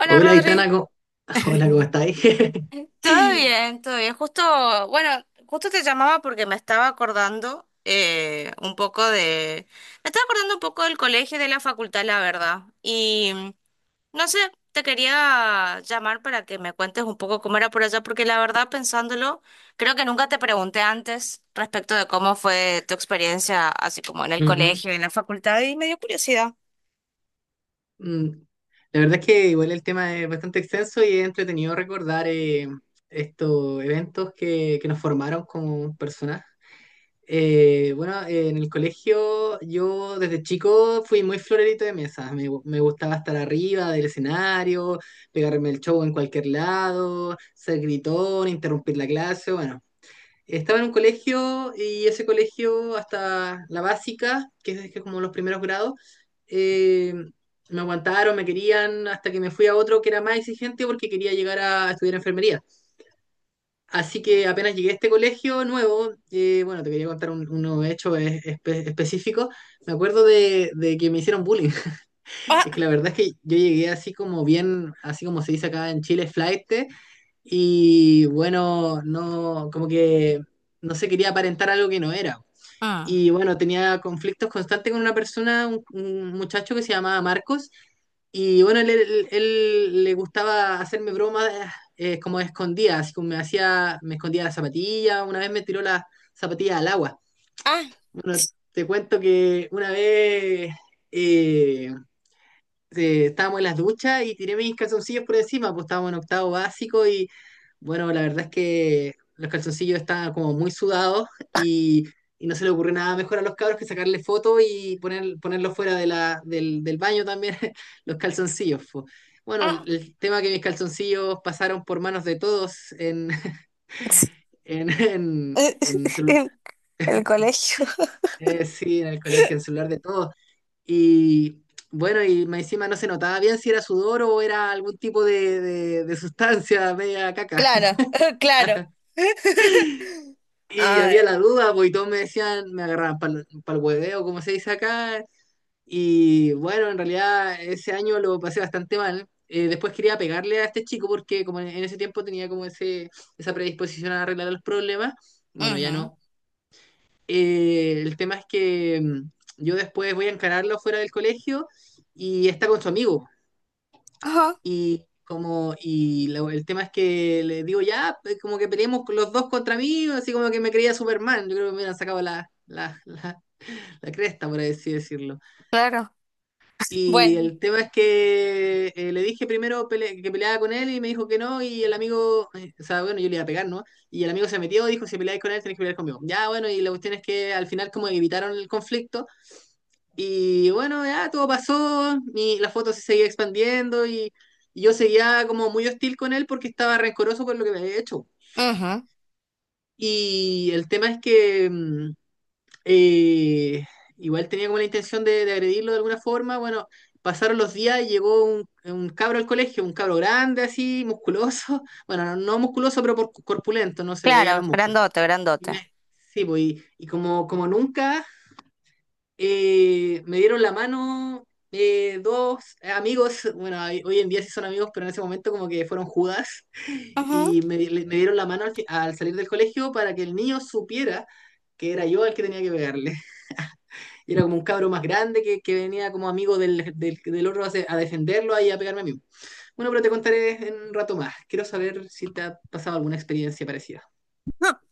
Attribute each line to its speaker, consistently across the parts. Speaker 1: Hola
Speaker 2: Hola,
Speaker 1: Rodri,
Speaker 2: Itana, ¿cómo- Hola, ¿cómo estáis?
Speaker 1: todo bien, todo bien. Justo, bueno, justo te llamaba porque me estaba acordando un poco de, me estaba acordando un poco del colegio y de la facultad, la verdad. No sé, te quería llamar para que me cuentes un poco cómo era por allá, porque la verdad, pensándolo, creo que nunca te pregunté antes respecto de cómo fue tu experiencia, así como en el
Speaker 2: Ujú.
Speaker 1: colegio y en la facultad, y me dio curiosidad.
Speaker 2: Mm, La verdad es que igual el tema es bastante extenso y es entretenido recordar estos eventos que nos formaron como personas. Bueno, en el colegio, yo desde chico fui muy florerito de mesa. Me gustaba estar arriba del escenario, pegarme el show en cualquier lado, ser gritón, interrumpir la clase, bueno. Estaba en un colegio y ese colegio hasta la básica, que es como los primeros grados, eh, me aguantaron, me querían, hasta que me fui a otro que era más exigente porque quería llegar a estudiar enfermería. Así que apenas llegué a este colegio nuevo, bueno, te quería contar uno hecho específico, me acuerdo de que me hicieron bullying. Es que
Speaker 1: Ah,
Speaker 2: la verdad es que yo llegué así como bien, así como se dice acá en Chile, flaite, y bueno, no, como que no se quería aparentar algo que no era.
Speaker 1: ah,
Speaker 2: Y bueno, tenía conflictos constantes con una persona, un muchacho que se llamaba Marcos. Y bueno, él le gustaba hacerme bromas como escondidas, así como me hacía, me escondía la zapatilla, una vez me tiró la zapatilla al agua.
Speaker 1: ah,
Speaker 2: Bueno, te cuento que una vez, eh, estábamos en las duchas y tiré mis calzoncillos por encima, pues estábamos en octavo básico y bueno, la verdad es que los calzoncillos estaban como muy sudados y, y no se le ocurrió nada mejor a los cabros que sacarle foto y ponerlos fuera de del baño también, los calzoncillos. Po. Bueno,
Speaker 1: ah.
Speaker 2: el tema que mis calzoncillos pasaron por manos de todos en, en
Speaker 1: El colegio.
Speaker 2: sí, en el colegio, en el celular de todos. Y bueno, y más encima no se notaba bien si era sudor o era algún tipo de sustancia media caca.
Speaker 1: Claro, claro.
Speaker 2: Y
Speaker 1: Ay.
Speaker 2: había la duda, pues, y todos me decían, me agarraban para el hueveo, como se dice acá. Y bueno, en realidad ese año lo pasé bastante mal. Después quería pegarle a este chico porque como en ese tiempo tenía como ese, esa predisposición a arreglar los problemas. Bueno, ya
Speaker 1: Ujú.
Speaker 2: no. El tema es que yo después voy a encararlo fuera del colegio y está con su amigo.
Speaker 1: Ajá,
Speaker 2: El tema es que le digo, ya, pues, como que peleemos los dos contra mí, así como que me creía Superman. Yo creo que me han sacado la cresta, por así decirlo.
Speaker 1: claro.
Speaker 2: Y
Speaker 1: Bueno,
Speaker 2: el tema es que le dije primero que peleaba con él y me dijo que no, y el amigo, bueno, yo le iba a pegar, ¿no? Y el amigo se metió, dijo, si peleáis con él, tenéis que pelear conmigo. Ya, bueno, y la cuestión es que al final como evitaron el conflicto. Y bueno, ya todo pasó, la foto se seguía expandiendo y yo seguía como muy hostil con él porque estaba rencoroso por lo que me había hecho.
Speaker 1: ujú.
Speaker 2: Y el tema es que eh, igual tenía como la intención de agredirlo de alguna forma. Bueno, pasaron los días y llegó un cabro al colegio, un cabro grande así, musculoso. Bueno, no, no musculoso, corpulento, no se le veían
Speaker 1: Claro,
Speaker 2: los músculos.
Speaker 1: grandote,
Speaker 2: Y
Speaker 1: grandote.
Speaker 2: me- sí, pues, y como, como nunca me dieron la mano dos amigos, bueno, hoy en día sí son amigos, pero en ese momento como que fueron Judas,
Speaker 1: Ajá.
Speaker 2: y me dieron la mano al salir del colegio para que el niño supiera que era yo el que tenía que pegarle. Y era como un cabro más grande que venía como amigo del otro a defenderlo y a pegarme a mí. Bueno, pero te contaré en un rato más. Quiero saber si te ha pasado alguna experiencia parecida.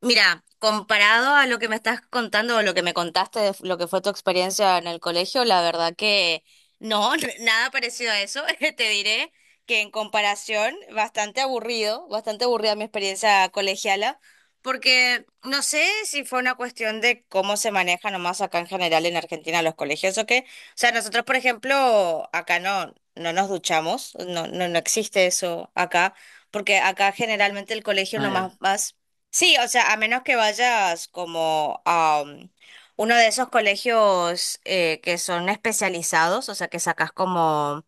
Speaker 1: Mira, comparado a lo que me estás contando o lo que me contaste de lo que fue tu experiencia en el colegio, la verdad que no, nada parecido a eso. Te diré que en comparación, bastante aburrido, bastante aburrida mi experiencia colegiala, porque no sé si fue una cuestión de cómo se maneja nomás acá en general en Argentina los colegios o qué. O sea, nosotros, por ejemplo, acá no, no nos duchamos, no, no, no existe eso acá. Porque acá generalmente el colegio
Speaker 2: Ah, ya.
Speaker 1: nomás vas. Sí, o sea, a menos que vayas como a uno de esos colegios que son especializados, o sea, que sacas como,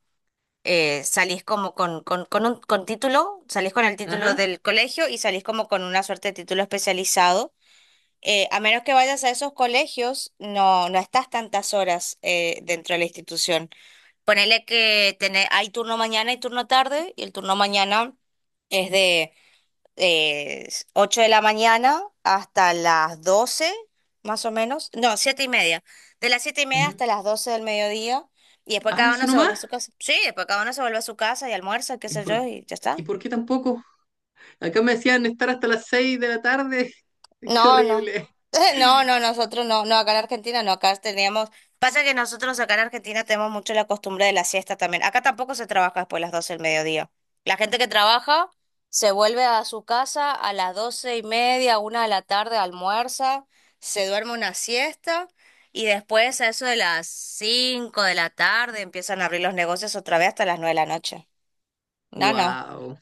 Speaker 1: salís como con un con título, salís con el título
Speaker 2: Ajá.
Speaker 1: del colegio y salís como con una suerte de título especializado. A menos que vayas a esos colegios, no, no estás tantas horas dentro de la institución. Ponele que hay turno mañana y turno tarde, y el turno mañana es de eh, 8 de la mañana hasta las 12 más o menos. No, 7 y media. De las 7 y media
Speaker 2: Ujú.
Speaker 1: hasta las 12 del mediodía. Y después
Speaker 2: Ah,
Speaker 1: cada
Speaker 2: ¿eso
Speaker 1: uno se vuelve
Speaker 2: nomás?
Speaker 1: a su casa. Sí, después cada uno se vuelve a su casa y almuerza, qué
Speaker 2: ¿Y
Speaker 1: sé
Speaker 2: por,
Speaker 1: yo, y ya
Speaker 2: ¿Y
Speaker 1: está.
Speaker 2: por qué tampoco? Acá me decían estar hasta las 6 de la tarde. Qué
Speaker 1: No, no.
Speaker 2: horrible.
Speaker 1: No, no, nosotros no, no, acá en Argentina no, acá teníamos, pasa que nosotros acá en Argentina tenemos mucho la costumbre de la siesta también. Acá tampoco se trabaja después de las 12 del mediodía. La gente que trabaja se vuelve a su casa a las doce y media, una de la tarde, almuerza, se duerme una siesta y después a eso de las 5 de la tarde empiezan a abrir los negocios otra vez hasta las 9 de la noche. No, no.
Speaker 2: Wow.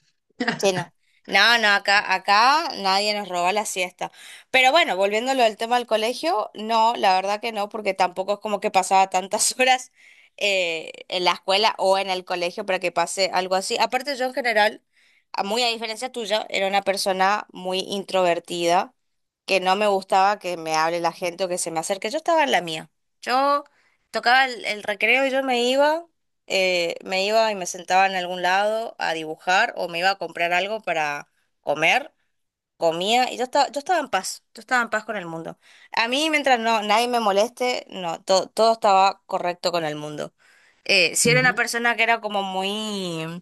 Speaker 1: Sí, no. No, no, acá, acá nadie nos roba la siesta. Pero bueno, volviéndolo a tema del colegio, no, la verdad que no, porque tampoco es como que pasaba tantas horas en la escuela o en el colegio para que pase algo así. Aparte, yo en general, muy a diferencia tuya, era una persona muy introvertida, que no me gustaba que me hable la gente o que se me acerque. Yo estaba en la mía. Yo tocaba el recreo y yo me iba y me sentaba en algún lado a dibujar o me iba a comprar algo para comer, comía y yo estaba en paz, yo estaba en paz con el mundo. A mí, mientras no, nadie me moleste, no, todo estaba correcto con el mundo. Si era una
Speaker 2: Ujú.
Speaker 1: persona que era como muy,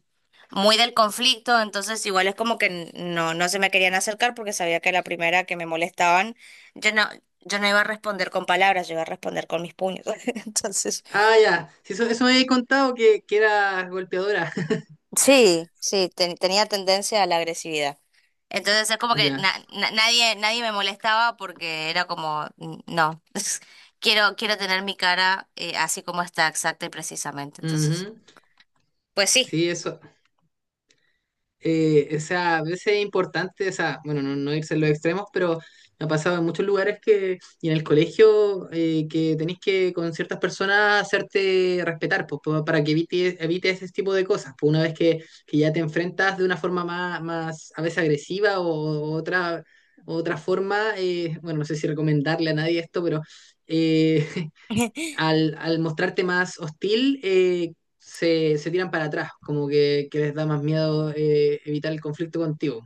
Speaker 1: muy del conflicto, entonces igual es como que no, no se me querían acercar porque sabía que la primera que me molestaban, yo no, yo no iba a responder con palabras, yo iba a responder con mis puños. Entonces...
Speaker 2: Ah, ya. Sí, eso me habéis contado que era golpeadora.
Speaker 1: Sí, sí, tenía tendencia a la agresividad. Entonces es como que
Speaker 2: Ya.
Speaker 1: nadie, nadie me molestaba porque era como, "Mm, no, quiero, quiero tener mi cara así como está, exacta y precisamente. Entonces,
Speaker 2: Ujú.
Speaker 1: pues sí,
Speaker 2: Sí, eso, a veces es importante, o sea, bueno, no, no irse a los extremos, pero me ha pasado en muchos lugares que, y en el colegio, que tenés que con ciertas personas hacerte respetar, pues, para que evite ese tipo de cosas. Pues una vez que ya te enfrentas de una forma más a veces agresiva o otra, otra forma, bueno, no sé si recomendarle a nadie esto, pero... eh, al mostrarte más hostil, se tiran para atrás, como que les da más miedo evitar el conflicto contigo.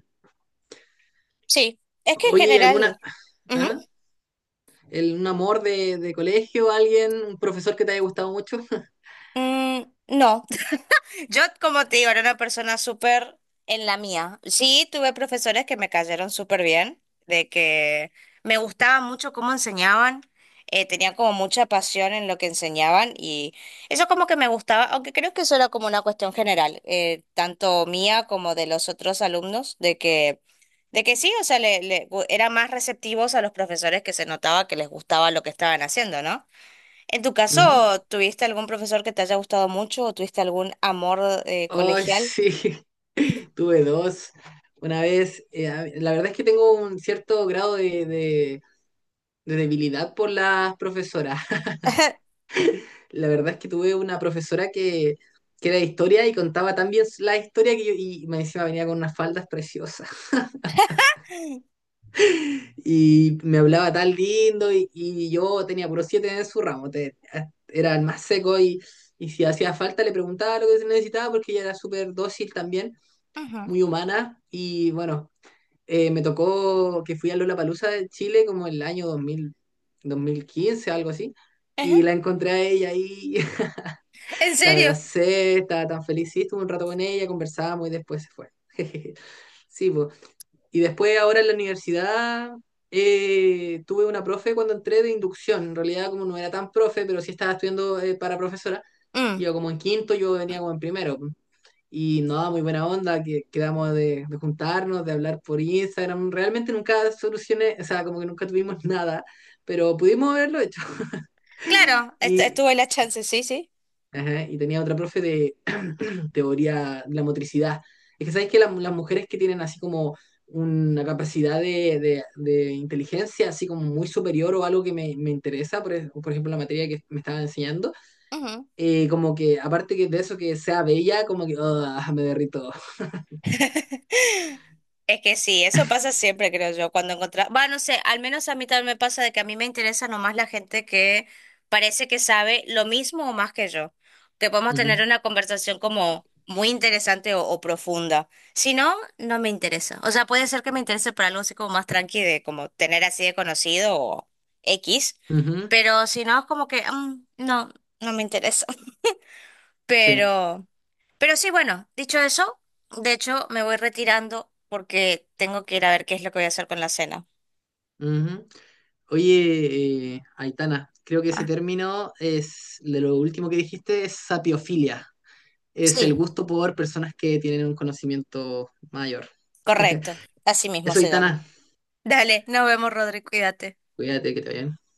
Speaker 1: sí, es que en
Speaker 2: Oye, ¿y alguna...
Speaker 1: general, ujú,
Speaker 2: ¿Ah? Un amor de colegio, alguien, un profesor que te haya gustado mucho.
Speaker 1: mm, no. Yo, como te digo, era una persona súper en la mía. Sí, tuve profesores que me cayeron súper bien, de que me gustaba mucho cómo enseñaban, tenían como mucha pasión en lo que enseñaban y eso como que me gustaba, aunque creo que eso era como una cuestión general, tanto mía como de los otros alumnos, de que sí, o sea, le, eran más receptivos a los profesores que se notaba que les gustaba lo que estaban haciendo, ¿no? En tu
Speaker 2: Ujú.
Speaker 1: caso, ¿tuviste algún profesor que te haya gustado mucho o tuviste algún amor
Speaker 2: Ay,
Speaker 1: colegial?
Speaker 2: sí, tuve dos. Una vez, la verdad es que tengo un cierto grado de debilidad por las profesoras. La verdad es que tuve una profesora que era de historia y contaba tan bien la historia que yo, y me decía, venía con unas faldas preciosas.
Speaker 1: Ujú,
Speaker 2: Y me hablaba tan lindo y yo tenía puro siete en su ramo, era el más seco y si hacía falta le preguntaba lo que se necesitaba porque ella era súper dócil también, muy humana. Y bueno, me tocó que fui a Lollapalooza de Chile como el año 2000, 2015, algo así, y
Speaker 1: ujú.
Speaker 2: la encontré a ella ahí.
Speaker 1: ¿En
Speaker 2: La
Speaker 1: serio?
Speaker 2: abracé, estaba tan feliz, sí, estuve un rato con ella, conversábamos y después se fue. Sí, pues. Y después ahora en la universidad tuve una profe cuando entré de inducción. En realidad como no era tan profe, pero sí estaba estudiando para profesora.
Speaker 1: Mm,
Speaker 2: Iba como en quinto, yo venía como en primero. Y no, muy buena onda, que quedamos de juntarnos, de hablar por Instagram. Realmente nunca solucioné, o sea, como que nunca tuvimos nada, pero pudimos haberlo hecho.
Speaker 1: claro.
Speaker 2: Y,
Speaker 1: Estuve la chance, sí, sí.
Speaker 2: ajá, y tenía otra profe de teoría de la motricidad. Es que sabéis que las mujeres que tienen así como una capacidad de inteligencia así como muy superior o algo que me interesa, por ejemplo la materia que me estaba enseñando, como que aparte que de eso que sea bella, como que ah, me derrito.
Speaker 1: Es que sí, eso pasa siempre, creo yo, cuando encontrás, va, no sé, al menos a mí también me pasa de que a mí me interesa nomás la gente que parece que sabe lo mismo o más que yo, que podemos
Speaker 2: Ujú,
Speaker 1: tener una conversación como muy interesante o profunda. Si no, no me interesa. O sea, puede ser que me interese por algo así como más tranqui de como tener así de conocido o X,
Speaker 2: ujú,
Speaker 1: pero si no, es como que no, no me interesa.
Speaker 2: sí.
Speaker 1: Pero, pero sí, bueno, dicho eso, de hecho me voy retirando porque tengo que ir a ver qué es lo que voy a hacer con la cena.
Speaker 2: Ujú. Oye, Aitana, creo que ese
Speaker 1: Ah,
Speaker 2: término es de lo último que dijiste, es sapiofilia. Es
Speaker 1: sí,
Speaker 2: el gusto por personas que tienen un conocimiento mayor.
Speaker 1: correcto. Así mismo
Speaker 2: Eso,
Speaker 1: se llama.
Speaker 2: Itana,
Speaker 1: Dale, nos vemos, Rodri, cuídate.
Speaker 2: cuídate, que te vaya bien.